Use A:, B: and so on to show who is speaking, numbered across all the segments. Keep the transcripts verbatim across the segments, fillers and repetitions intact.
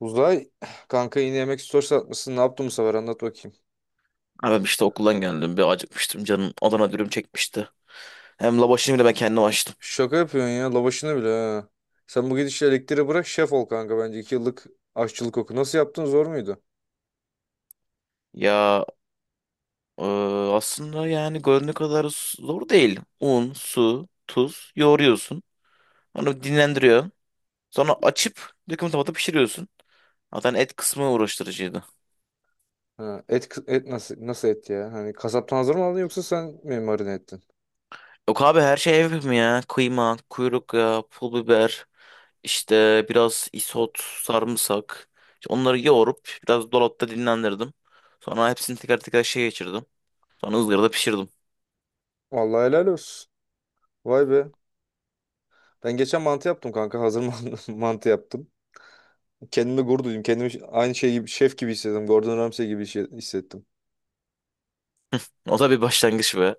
A: Uzay kanka yine yemek stories atmışsın. Ne yaptın bu sefer, anlat bakayım.
B: Abi işte okuldan geldim. Bir acıkmıştım. Canım Adana dürüm çekmişti. Hem lavaşını bile ben kendim açtım.
A: Şaka yapıyorsun ya, lavaşını bile ha. Sen bu gidişle elektriği bırak şef ol kanka bence. iki yıllık aşçılık oku. Nasıl yaptın, zor muydu?
B: Ya e, aslında yani göründüğü kadar zor değil. Un, su, tuz yoğuruyorsun. Onu dinlendiriyorsun. Sonra açıp döküm tavada pişiriyorsun. Zaten et kısmı uğraştırıcıydı.
A: Ha, et, et nasıl, nasıl et ya? Hani kasaptan hazır mı aldın yoksa sen mi marine ettin?
B: Yok abi her şey ev mi ya? Kıyma, kuyruk yağı, pul biber, işte biraz isot, sarımsak. İşte onları yoğurup biraz dolapta dinlendirdim. Sonra hepsini teker teker şey geçirdim. Sonra ızgarada pişirdim.
A: Vallahi helal olsun. Vay be. Ben geçen mantı yaptım kanka. Hazır mantı mantı yaptım. Kendime gurur duydum. Kendimi ş- aynı şey gibi, şef gibi hissettim. Gordon Ramsay gibi şey- hissettim.
B: O da bir başlangıç be.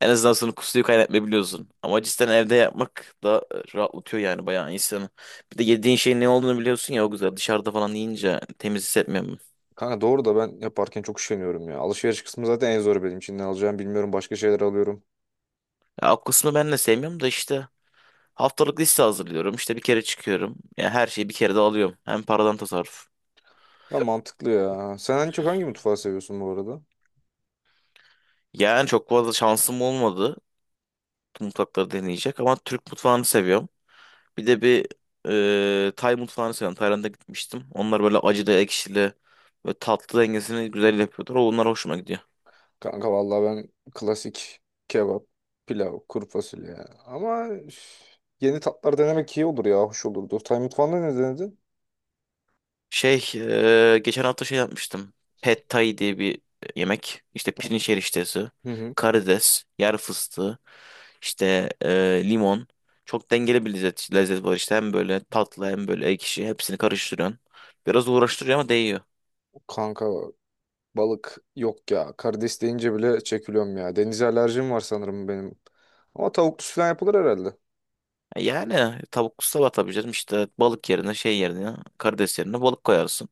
B: En azından sonra kusuyu kaynatmayabiliyorsun. Ama cidden evde yapmak da e, rahatlatıyor yani bayağı insanı. Bir de yediğin şeyin ne olduğunu biliyorsun ya o güzel. Dışarıda falan yiyince temiz hissetmiyorum.
A: Kanka doğru da ben yaparken çok üşeniyorum ya. Alışveriş kısmı zaten en zoru benim için. Ne alacağım bilmiyorum. Başka şeyler alıyorum.
B: Ya, o kısmı ben de sevmiyorum da işte haftalık liste hazırlıyorum. İşte bir kere çıkıyorum. Ya her şeyi bir kere de alıyorum. Hem paradan tasarruf.
A: Ama mantıklı ya. Sen en çok hangi mutfağı seviyorsun bu arada?
B: Yani çok fazla şansım olmadı. Mutfakları deneyecek ama Türk mutfağını seviyorum. Bir de bir e, Tay mutfağını seviyorum. Tayland'a gitmiştim. Onlar böyle acılı, ekşili ve tatlı dengesini güzel yapıyorlar. Onlar hoşuma gidiyor.
A: Kanka vallahi ben klasik kebap, pilav, kuru fasulye ya. Ama üf, yeni tatlar denemek iyi olur ya. Hoş olurdu. Tay mutfağında ne denedin?
B: Şey, e, geçen hafta şey yapmıştım. Pad Thai diye bir yemek. İşte pirinç eriştesi,
A: Hı hı.
B: karides, yer fıstığı, işte e, limon. Çok dengeli bir lezzet, lezzet var işte. Hem böyle tatlı hem böyle ekşi. Hepsini karıştırıyorsun. Biraz uğraştırıyor ama değiyor.
A: Kanka balık yok ya. Karides deyince bile çekiliyorum ya. Denize alerjim var sanırım benim. Ama tavuklu falan yapılır herhalde.
B: Yani tavuk sabah tabii canım işte balık yerine şey yerine karides yerine balık koyarsın.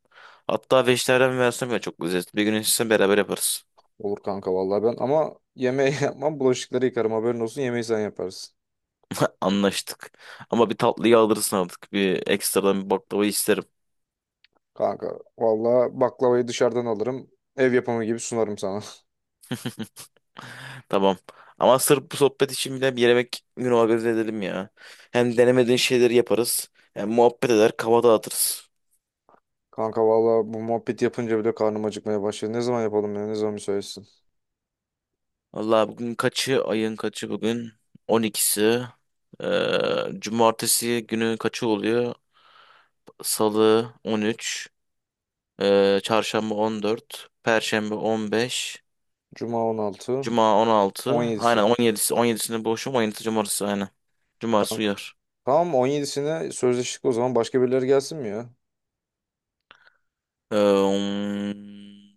B: Hatta vejetaryen versiyon ya çok lezzetli. Bir gün sizinle beraber yaparız.
A: Olur kanka vallahi, ben ama yemeği yapmam, bulaşıkları yıkarım, haberin olsun, yemeği sen yaparsın.
B: Anlaştık. Ama bir tatlıyı alırsın artık. Bir ekstradan bir baklava isterim.
A: Kanka vallahi baklavayı dışarıdan alırım, ev yapımı gibi sunarım sana.
B: Tamam. Ama sırf bu sohbet için bile bir yemek günü organize edelim ya. Hem denemediğin şeyleri yaparız. Hem muhabbet eder, kafa dağıtırız.
A: Kanka vallahi bu muhabbet yapınca bile karnım acıkmaya başladı. Ne zaman yapalım ya, ne zaman müsaitsin?
B: Vallahi bugün kaçı? Ayın kaçı bugün? on ikisi. Ee, cumartesi günü kaçı oluyor? Salı on üç, e, Çarşamba on dört, Perşembe on beş,
A: Cuma on altı,
B: Cuma on altı.
A: on yedisi.
B: Aynen on yedisi, on 17'sinde boşum, on yedisi Cumartesi aynen. Cumartesi
A: Kanka
B: uyar.
A: tamam, on yedisine sözleştik o zaman, başka birileri gelsin mi ya?
B: Ee, um,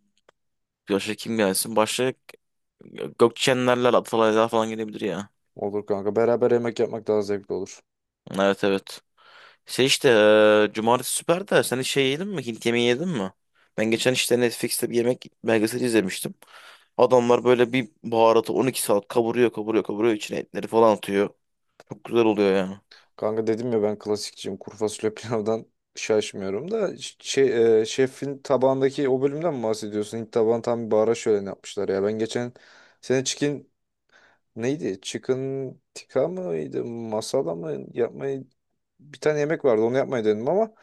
B: başka kim gelsin? Başka Gökçenlerler Atalaylar falan gelebilir ya.
A: Olur kanka, beraber yemek yapmak daha zevkli olur.
B: Evet evet. Şey işte e, Cumartesi süper de sen hiç şey yedin mi? Hint yemeği yedin mi? Ben geçen işte Netflix'te bir yemek belgeseli izlemiştim. Adamlar böyle bir baharatı on iki saat kavuruyor kavuruyor kavuruyor içine etleri falan atıyor. Çok güzel oluyor ya.
A: Kanka dedim ya ben klasikçiyim. Kuru fasulye pilavdan şaşmıyorum da ş- şey, e, şefin tabağındaki o bölümden mi bahsediyorsun? Hint tabağını tam bir bahara şöleni yapmışlar ya. Ben geçen sene chicken neydi? Chicken tikka mıydı? Masala mı? Yapmayı bir tane yemek vardı. Onu yapmayı denedim ama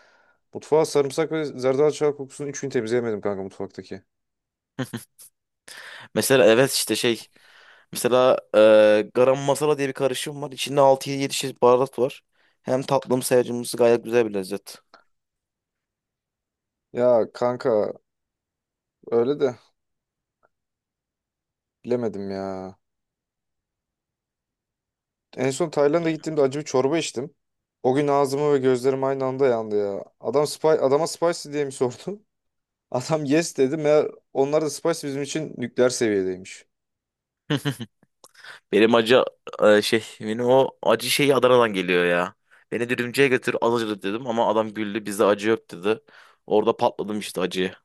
A: mutfağa sarımsak ve zerdeçal kokusunun üçünü temizleyemedim kanka, mutfaktaki.
B: Mesela evet işte şey. Mesela e, garam masala diye bir karışım var. İçinde altı yedi çeşit baharat var. Hem tatlımsı hem acımsı gayet güzel bir lezzet.
A: Ya kanka öyle de bilemedim ya. En son Tayland'a
B: Ya.
A: gittiğimde acı bir çorba içtim. O gün ağzımı ve gözlerim aynı anda yandı ya. Adam spy, adama spicy diye mi sordu? Adam yes dedi. Meğer onlar da spicy bizim için nükleer seviyedeymiş.
B: Benim acı e, şey benim o acı şeyi Adana'dan geliyor ya. Beni dürümcüye götür az acılı dedim ama adam güldü bizde acı yok dedi. Orada patladım işte acıya.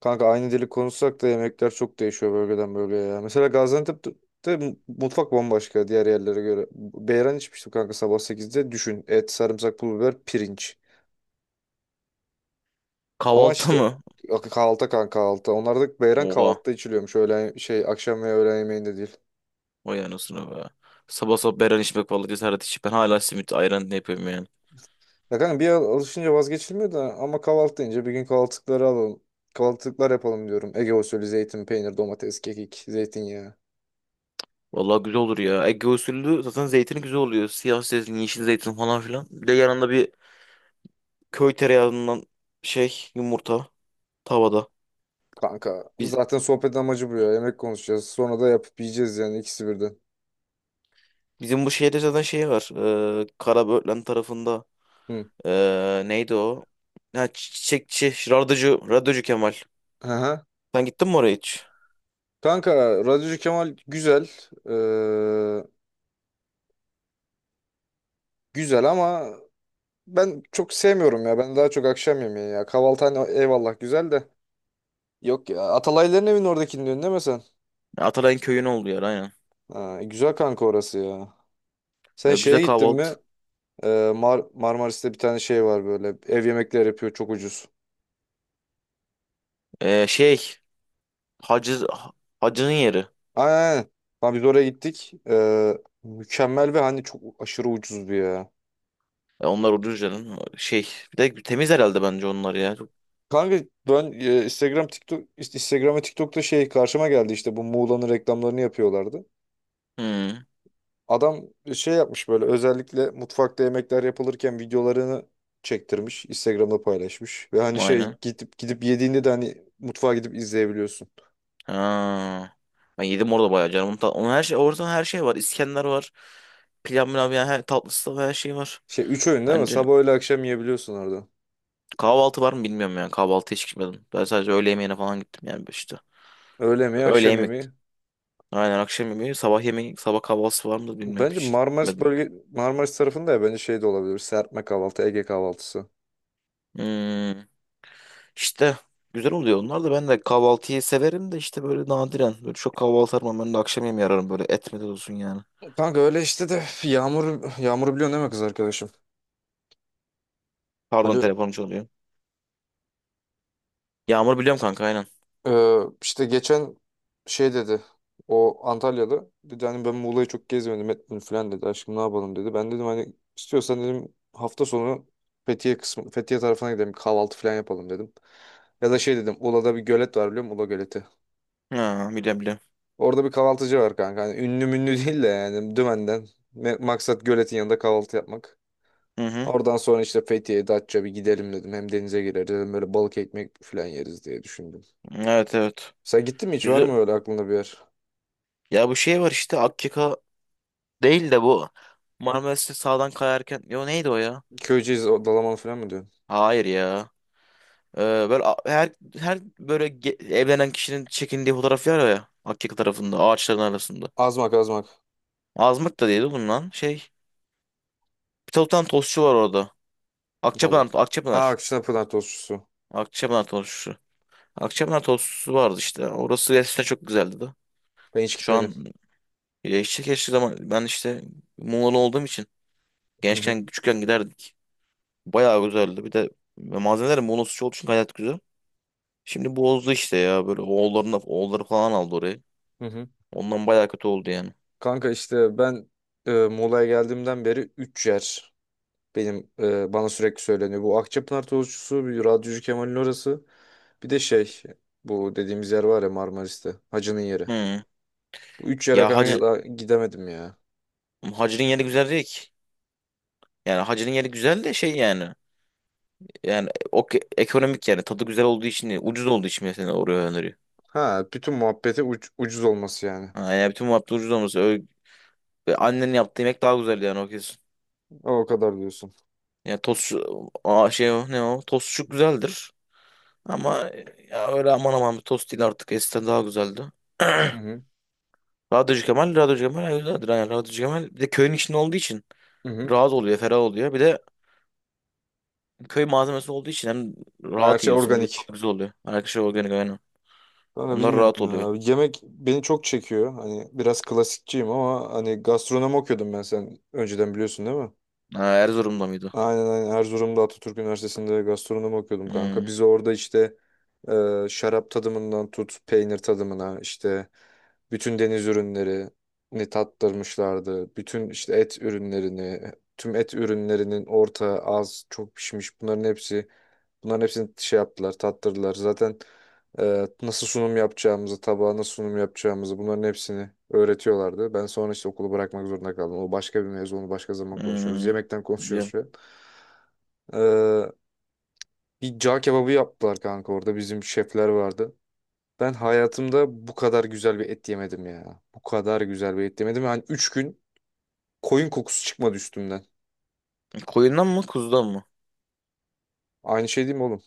A: Kanka aynı dili konuşsak da yemekler çok değişiyor bölgeden bölgeye ya. Mesela Gaziantep'te mu- mutfak bambaşka diğer yerlere göre. Beyran içmiştim kanka, sabah sekizde. Düşün: et, sarımsak, pul biber, pirinç. Ama
B: Kahvaltı
A: işte
B: mı?
A: kahvaltı kanka, kahvaltı. Onlarda beyran
B: Oha.
A: kahvaltıda içiliyormuş. Öğlen şey akşam ve öğlen yemeğinde değil.
B: O anasını be. Sabah sabah beren içmek vallahi cesaret içip ben hala simit ayran ne yapıyorum yani.
A: Ya kanka bir al- alışınca vazgeçilmiyor da, ama kahvaltı deyince bir gün kahvaltılıkları alalım. Kahvaltılıklar yapalım diyorum. Ege usulü zeytin, peynir, domates, kekik, zeytinyağı.
B: Vallahi güzel olur ya. Ege usulü zaten zeytini güzel oluyor. Siyah zeytin, yeşil zeytin falan filan. Bir de yanında bir köy tereyağından şey yumurta tavada.
A: Kanka
B: Biz,
A: zaten sohbet amacı bu ya. Yemek konuşacağız. Sonra da yapıp yiyeceğiz, yani ikisi birden.
B: bizim bu şehirde zaten şey var. Ee, Karaböğlen tarafında.
A: Hı.
B: Ee, neydi o? Ha, çiçekçi, radyocu, radyocu Kemal.
A: Aha.
B: Sen gittin mi oraya hiç?
A: Kanka Radyocu Kemal güzel. Ee, güzel ama ben çok sevmiyorum ya. Ben daha çok akşam yemeği ya. Kahvaltı hani eyvallah güzel de. Yok ya, Atalayların evinin oradakini diyorsun değil mi sen?
B: Atalay'ın köyün olduğu yer aynen.
A: Ha, güzel kanka orası ya. Sen
B: Ee, güzel
A: şeye gittin
B: kahvaltı.
A: mi? Ee, Mar Marmaris'te bir tane şey var böyle. Ev yemekleri yapıyor, çok ucuz.
B: Ee, şey, hacı, hacının yeri.
A: Aynen. Aynen. Lan biz oraya gittik. Ee, mükemmel ve hani çok aşırı ucuzdu ya.
B: Ee, onlar Ucuzca'nın. Şey, bir de temiz herhalde bence onlar ya. Çok-
A: Kanka ben e, Instagram TikTok Instagram ve TikTok'ta şey karşıma geldi, işte bu Muğla'nın reklamlarını yapıyorlardı.
B: Hmm,
A: Adam şey yapmış, böyle özellikle mutfakta yemekler yapılırken videolarını çektirmiş, Instagram'da paylaşmış ve hani şey,
B: aynen.
A: gidip gidip yediğinde de hani mutfağa gidip izleyebiliyorsun.
B: Ha. Ben yedim orada bayağı canım. Onun, Ta- Onun her şey, orada her şey var. İskender var. Pilav milav yani her tatlısı da her şey var.
A: Şey, üç öğün değil mi?
B: Bence
A: Sabah öğle akşam yiyebiliyorsun orada.
B: kahvaltı var mı bilmiyorum yani. Kahvaltı hiç gitmedim. Ben sadece öğle yemeğine falan gittim yani işte.
A: Öğle yemeği,
B: Öğle
A: akşam
B: yemek.
A: yemeği.
B: Aynen akşam yemeği, sabah yemeği, sabah kahvaltısı var mı da bilmiyorum.
A: Bence
B: Hiç
A: Marmaris
B: gitmedim.
A: bölge Marmaris tarafında ya, bence şey de olabilir. Serpme kahvaltı, Ege kahvaltısı.
B: Hmm. İşte güzel oluyor onlar da ben de kahvaltıyı severim de işte böyle nadiren. Böyle çok kahvaltı aramam ben de akşam yemeği ararım böyle etmede olsun yani.
A: Kanka öyle işte de, Yağmur Yağmur'u biliyorsun değil mi, kız arkadaşım?
B: Pardon
A: Ali,
B: telefonum çalıyor. Yağmur biliyorum kanka aynen.
A: e, işte geçen şey dedi. O Antalyalı dedi, hani ben Muğla'yı çok gezmedim etmedim falan dedi. Aşkım ne yapalım dedi. Ben dedim hani istiyorsan dedim hafta sonu Fethiye kısmı Fethiye tarafına gidelim kahvaltı falan yapalım dedim. Ya da şey dedim Ula'da bir gölet var biliyor musun? Ula göleti.
B: Ha, biliyorum biliyorum.
A: Orada bir kahvaltıcı var kanka. Hani ünlü münlü değil de yani Dümen'den. Me- Maksat göletin yanında kahvaltı yapmak.
B: Hı hı.
A: Oradan sonra işte Fethiye, Datça bir gidelim dedim. Hem denize gireriz dedim. Böyle balık ekmek falan yeriz diye düşündüm.
B: Evet evet.
A: Sen gittin mi hiç? Var
B: Güzel.
A: mı öyle aklında bir yer?
B: Ya bu şey var işte Akyaka değil de bu. Marmaris'te sağdan kayarken. Yo neydi o ya?
A: Köyceğiz, o Dalaman falan mı diyorsun?
B: Hayır ya. Ee, böyle a- her her böyle ge- evlenen kişinin çekindiği fotoğraf var ya Akyaka tarafında ağaçların arasında.
A: Azmak, Azmak.
B: Azmık da değildi bunun lan. Şey. Bir tane bir tane tostçu var orada. Akçapınar,
A: Vallahi. Aa,
B: Akçapınar.
A: Akşener Tostçusu.
B: Akçapınar tostçusu. Akçapınar tostçusu vardı işte. Orası gerçekten çok güzeldi de.
A: Ben hiç
B: Şu
A: gitmedim.
B: an e, işte keşke zaman ben işte Muğla'lı olduğum için
A: Hı hı.
B: gençken küçükken giderdik. Bayağı güzeldi. Bir de malzemelerin monosu olduğu için gayet güzel. Şimdi bozdu işte ya böyle oğullarını oğulları falan aldı orayı.
A: Hı hı.
B: Ondan bayağı kötü oldu yani.
A: Kanka işte ben e, Muğla'ya geldiğimden beri üç yer. Benim e, bana sürekli söyleniyor. Bu Akçapınar tozcusu, bir radyocu Kemal'in orası. Bir de şey, bu dediğimiz yer var ya Marmaris'te. Hacı'nın yeri.
B: Hı.
A: Bu üç yere
B: Ya
A: kanka
B: Hacı
A: daha gidemedim ya.
B: Hacı'nın yeri güzel değil ki. Yani Hacı'nın yeri güzel de şey yani. Yani o ke- ekonomik yani tadı güzel olduğu için ucuz olduğu için mesela oraya öneriyor.
A: Ha, bütün muhabbeti uc- ucuz olması yani.
B: Ha, yani bütün muhabbet ucuz olması. Öyle, annenin yaptığı yemek daha güzel yani o kesin.
A: O kadar diyorsun.
B: Ya tost aa, şey o, ne o tostçuk güzeldir. Ama ya öyle aman aman bir tost değil artık eskiden daha güzeldi.
A: Hı hı.
B: Radyocu Kemal, Radyocu Kemal, ay, Radyo- Radyo- Radyocu Kemal. Bir de köyün içinde olduğu için
A: Hı hı.
B: rahat oluyor, ferah oluyor. Bir de köy malzemesi olduğu için hem
A: Her
B: rahat
A: şey
B: yiyorsun, bir de
A: organik.
B: tadı güzel oluyor. Arkadaşlar organik aynen.
A: Kanka
B: Onlar rahat
A: bilmiyorum
B: oluyor.
A: ya. Yemek beni çok çekiyor. Hani biraz klasikçiyim ama hani gastronomi okuyordum ben, sen önceden biliyorsun değil mi?
B: Ha, Erzurum'da mıydı?
A: Aynen, aynen. Erzurum'da Atatürk Üniversitesi'nde gastronomi okuyordum kanka.
B: Hmm,
A: Biz orada işte, e, şarap tadımından tut peynir tadımına işte bütün deniz ürünlerini tattırmışlardı. Bütün işte et ürünlerini, tüm et ürünlerinin orta, az, çok pişmiş, bunların hepsi bunların hepsini şey yaptılar, tattırdılar. Zaten e, nasıl sunum yapacağımızı, tabağa nasıl sunum yapacağımızı bunların hepsini öğretiyorlardı. Ben sonra işte okulu bırakmak zorunda kaldım. O başka bir mevzu, onu başka zaman konuşuruz.
B: hmm.
A: Yemekten konuşuyoruz
B: Biliyorum.
A: şu an. Ee, bir cağ kebabı yaptılar kanka orada. Bizim şefler vardı. Ben hayatımda bu kadar güzel bir et yemedim ya. Bu kadar güzel bir et yemedim. Yani üç gün koyun kokusu çıkmadı üstümden.
B: Koyundan mı, kuzudan mı?
A: Aynı şey değil mi oğlum?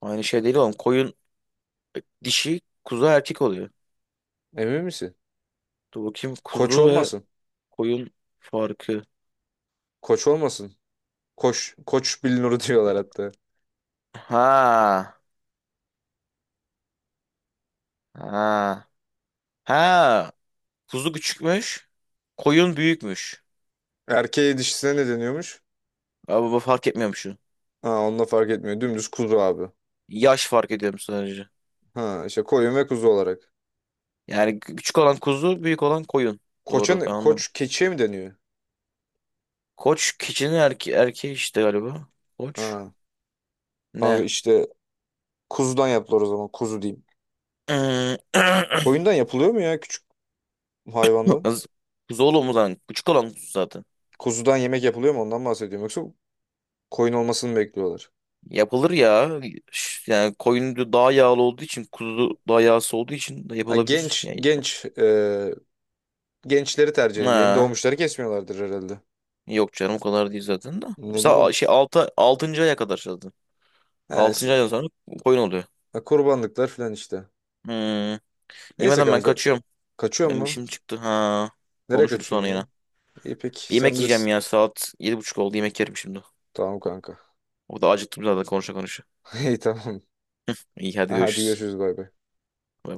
B: Aynı şey değil oğlum. Koyun dişi, kuzu erkek oluyor.
A: Emin misin?
B: Dur bakayım
A: Koç
B: kuzu ve
A: olmasın.
B: koyun farkı.
A: Koç olmasın. Koç. Koç bilinuru diyorlar
B: Ya-
A: hatta.
B: Ha, ha, ha. Kuzu küçükmüş, koyun büyükmüş.
A: Erkeğe dişisine ne deniyormuş?
B: Abi bu fark etmiyormuş.
A: Ha, onunla fark etmiyor. Dümdüz kuzu abi.
B: Yaş fark ediyorum sadece.
A: Ha işte koyun ve kuzu olarak.
B: Yani küçük olan kuzu, büyük olan koyun.
A: Koça
B: Doğru ben
A: ne?
B: onu.
A: Koç keçiye mi deniyor?
B: Koç keçinin erke erkeği işte galiba. Koç
A: Ha. Kanka
B: ne?
A: işte kuzudan yaptılar o zaman. Kuzu diyeyim. Koyundan yapılıyor mu ya, hayvandan?
B: Az- Kuzu oğlum lan. Küçük olan kuzu zaten.
A: Kuzudan yemek yapılıyor mu ondan bahsediyorum, yoksa koyun olmasını mı bekliyorlar?
B: Yapılır ya. Ş- Yani koyun da daha yağlı olduğu için kuzu daha yağsız olduğu için de
A: Ha,
B: yapılabilir.
A: genç
B: Yani.
A: genç e, gençleri tercih ediyor. Yeni
B: Ha.
A: doğmuşları kesmiyorlardır herhalde.
B: Yok canım o kadar değil zaten de.
A: Ne
B: İşte a-
A: bileyim.
B: şey altı, altıncı aya kadar zaten.
A: Ha, işte,
B: Altıncı aydan sonra koyun oluyor.
A: ha, kurbanlıklar falan işte.
B: Hmm.
A: Neyse
B: Yemeden ben
A: kanka.
B: kaçıyorum.
A: Kaçıyor
B: Benim
A: mu?
B: işim çıktı. Ha.
A: Nereye
B: Konuşuruz sonra
A: kaçıyorsun ya?
B: yine.
A: İyi
B: Bir
A: peki, sen
B: yemek yiyeceğim
A: bilirsin.
B: ya. Saat yedi buçuk oldu. Yemek yerim şimdi.
A: Tamam
B: Ko-
A: kanka.
B: O da acıktım zaten konuşa konuşa.
A: İyi tamam.
B: İyi hadi
A: Hadi
B: görüşürüz.
A: görüşürüz, bay bay.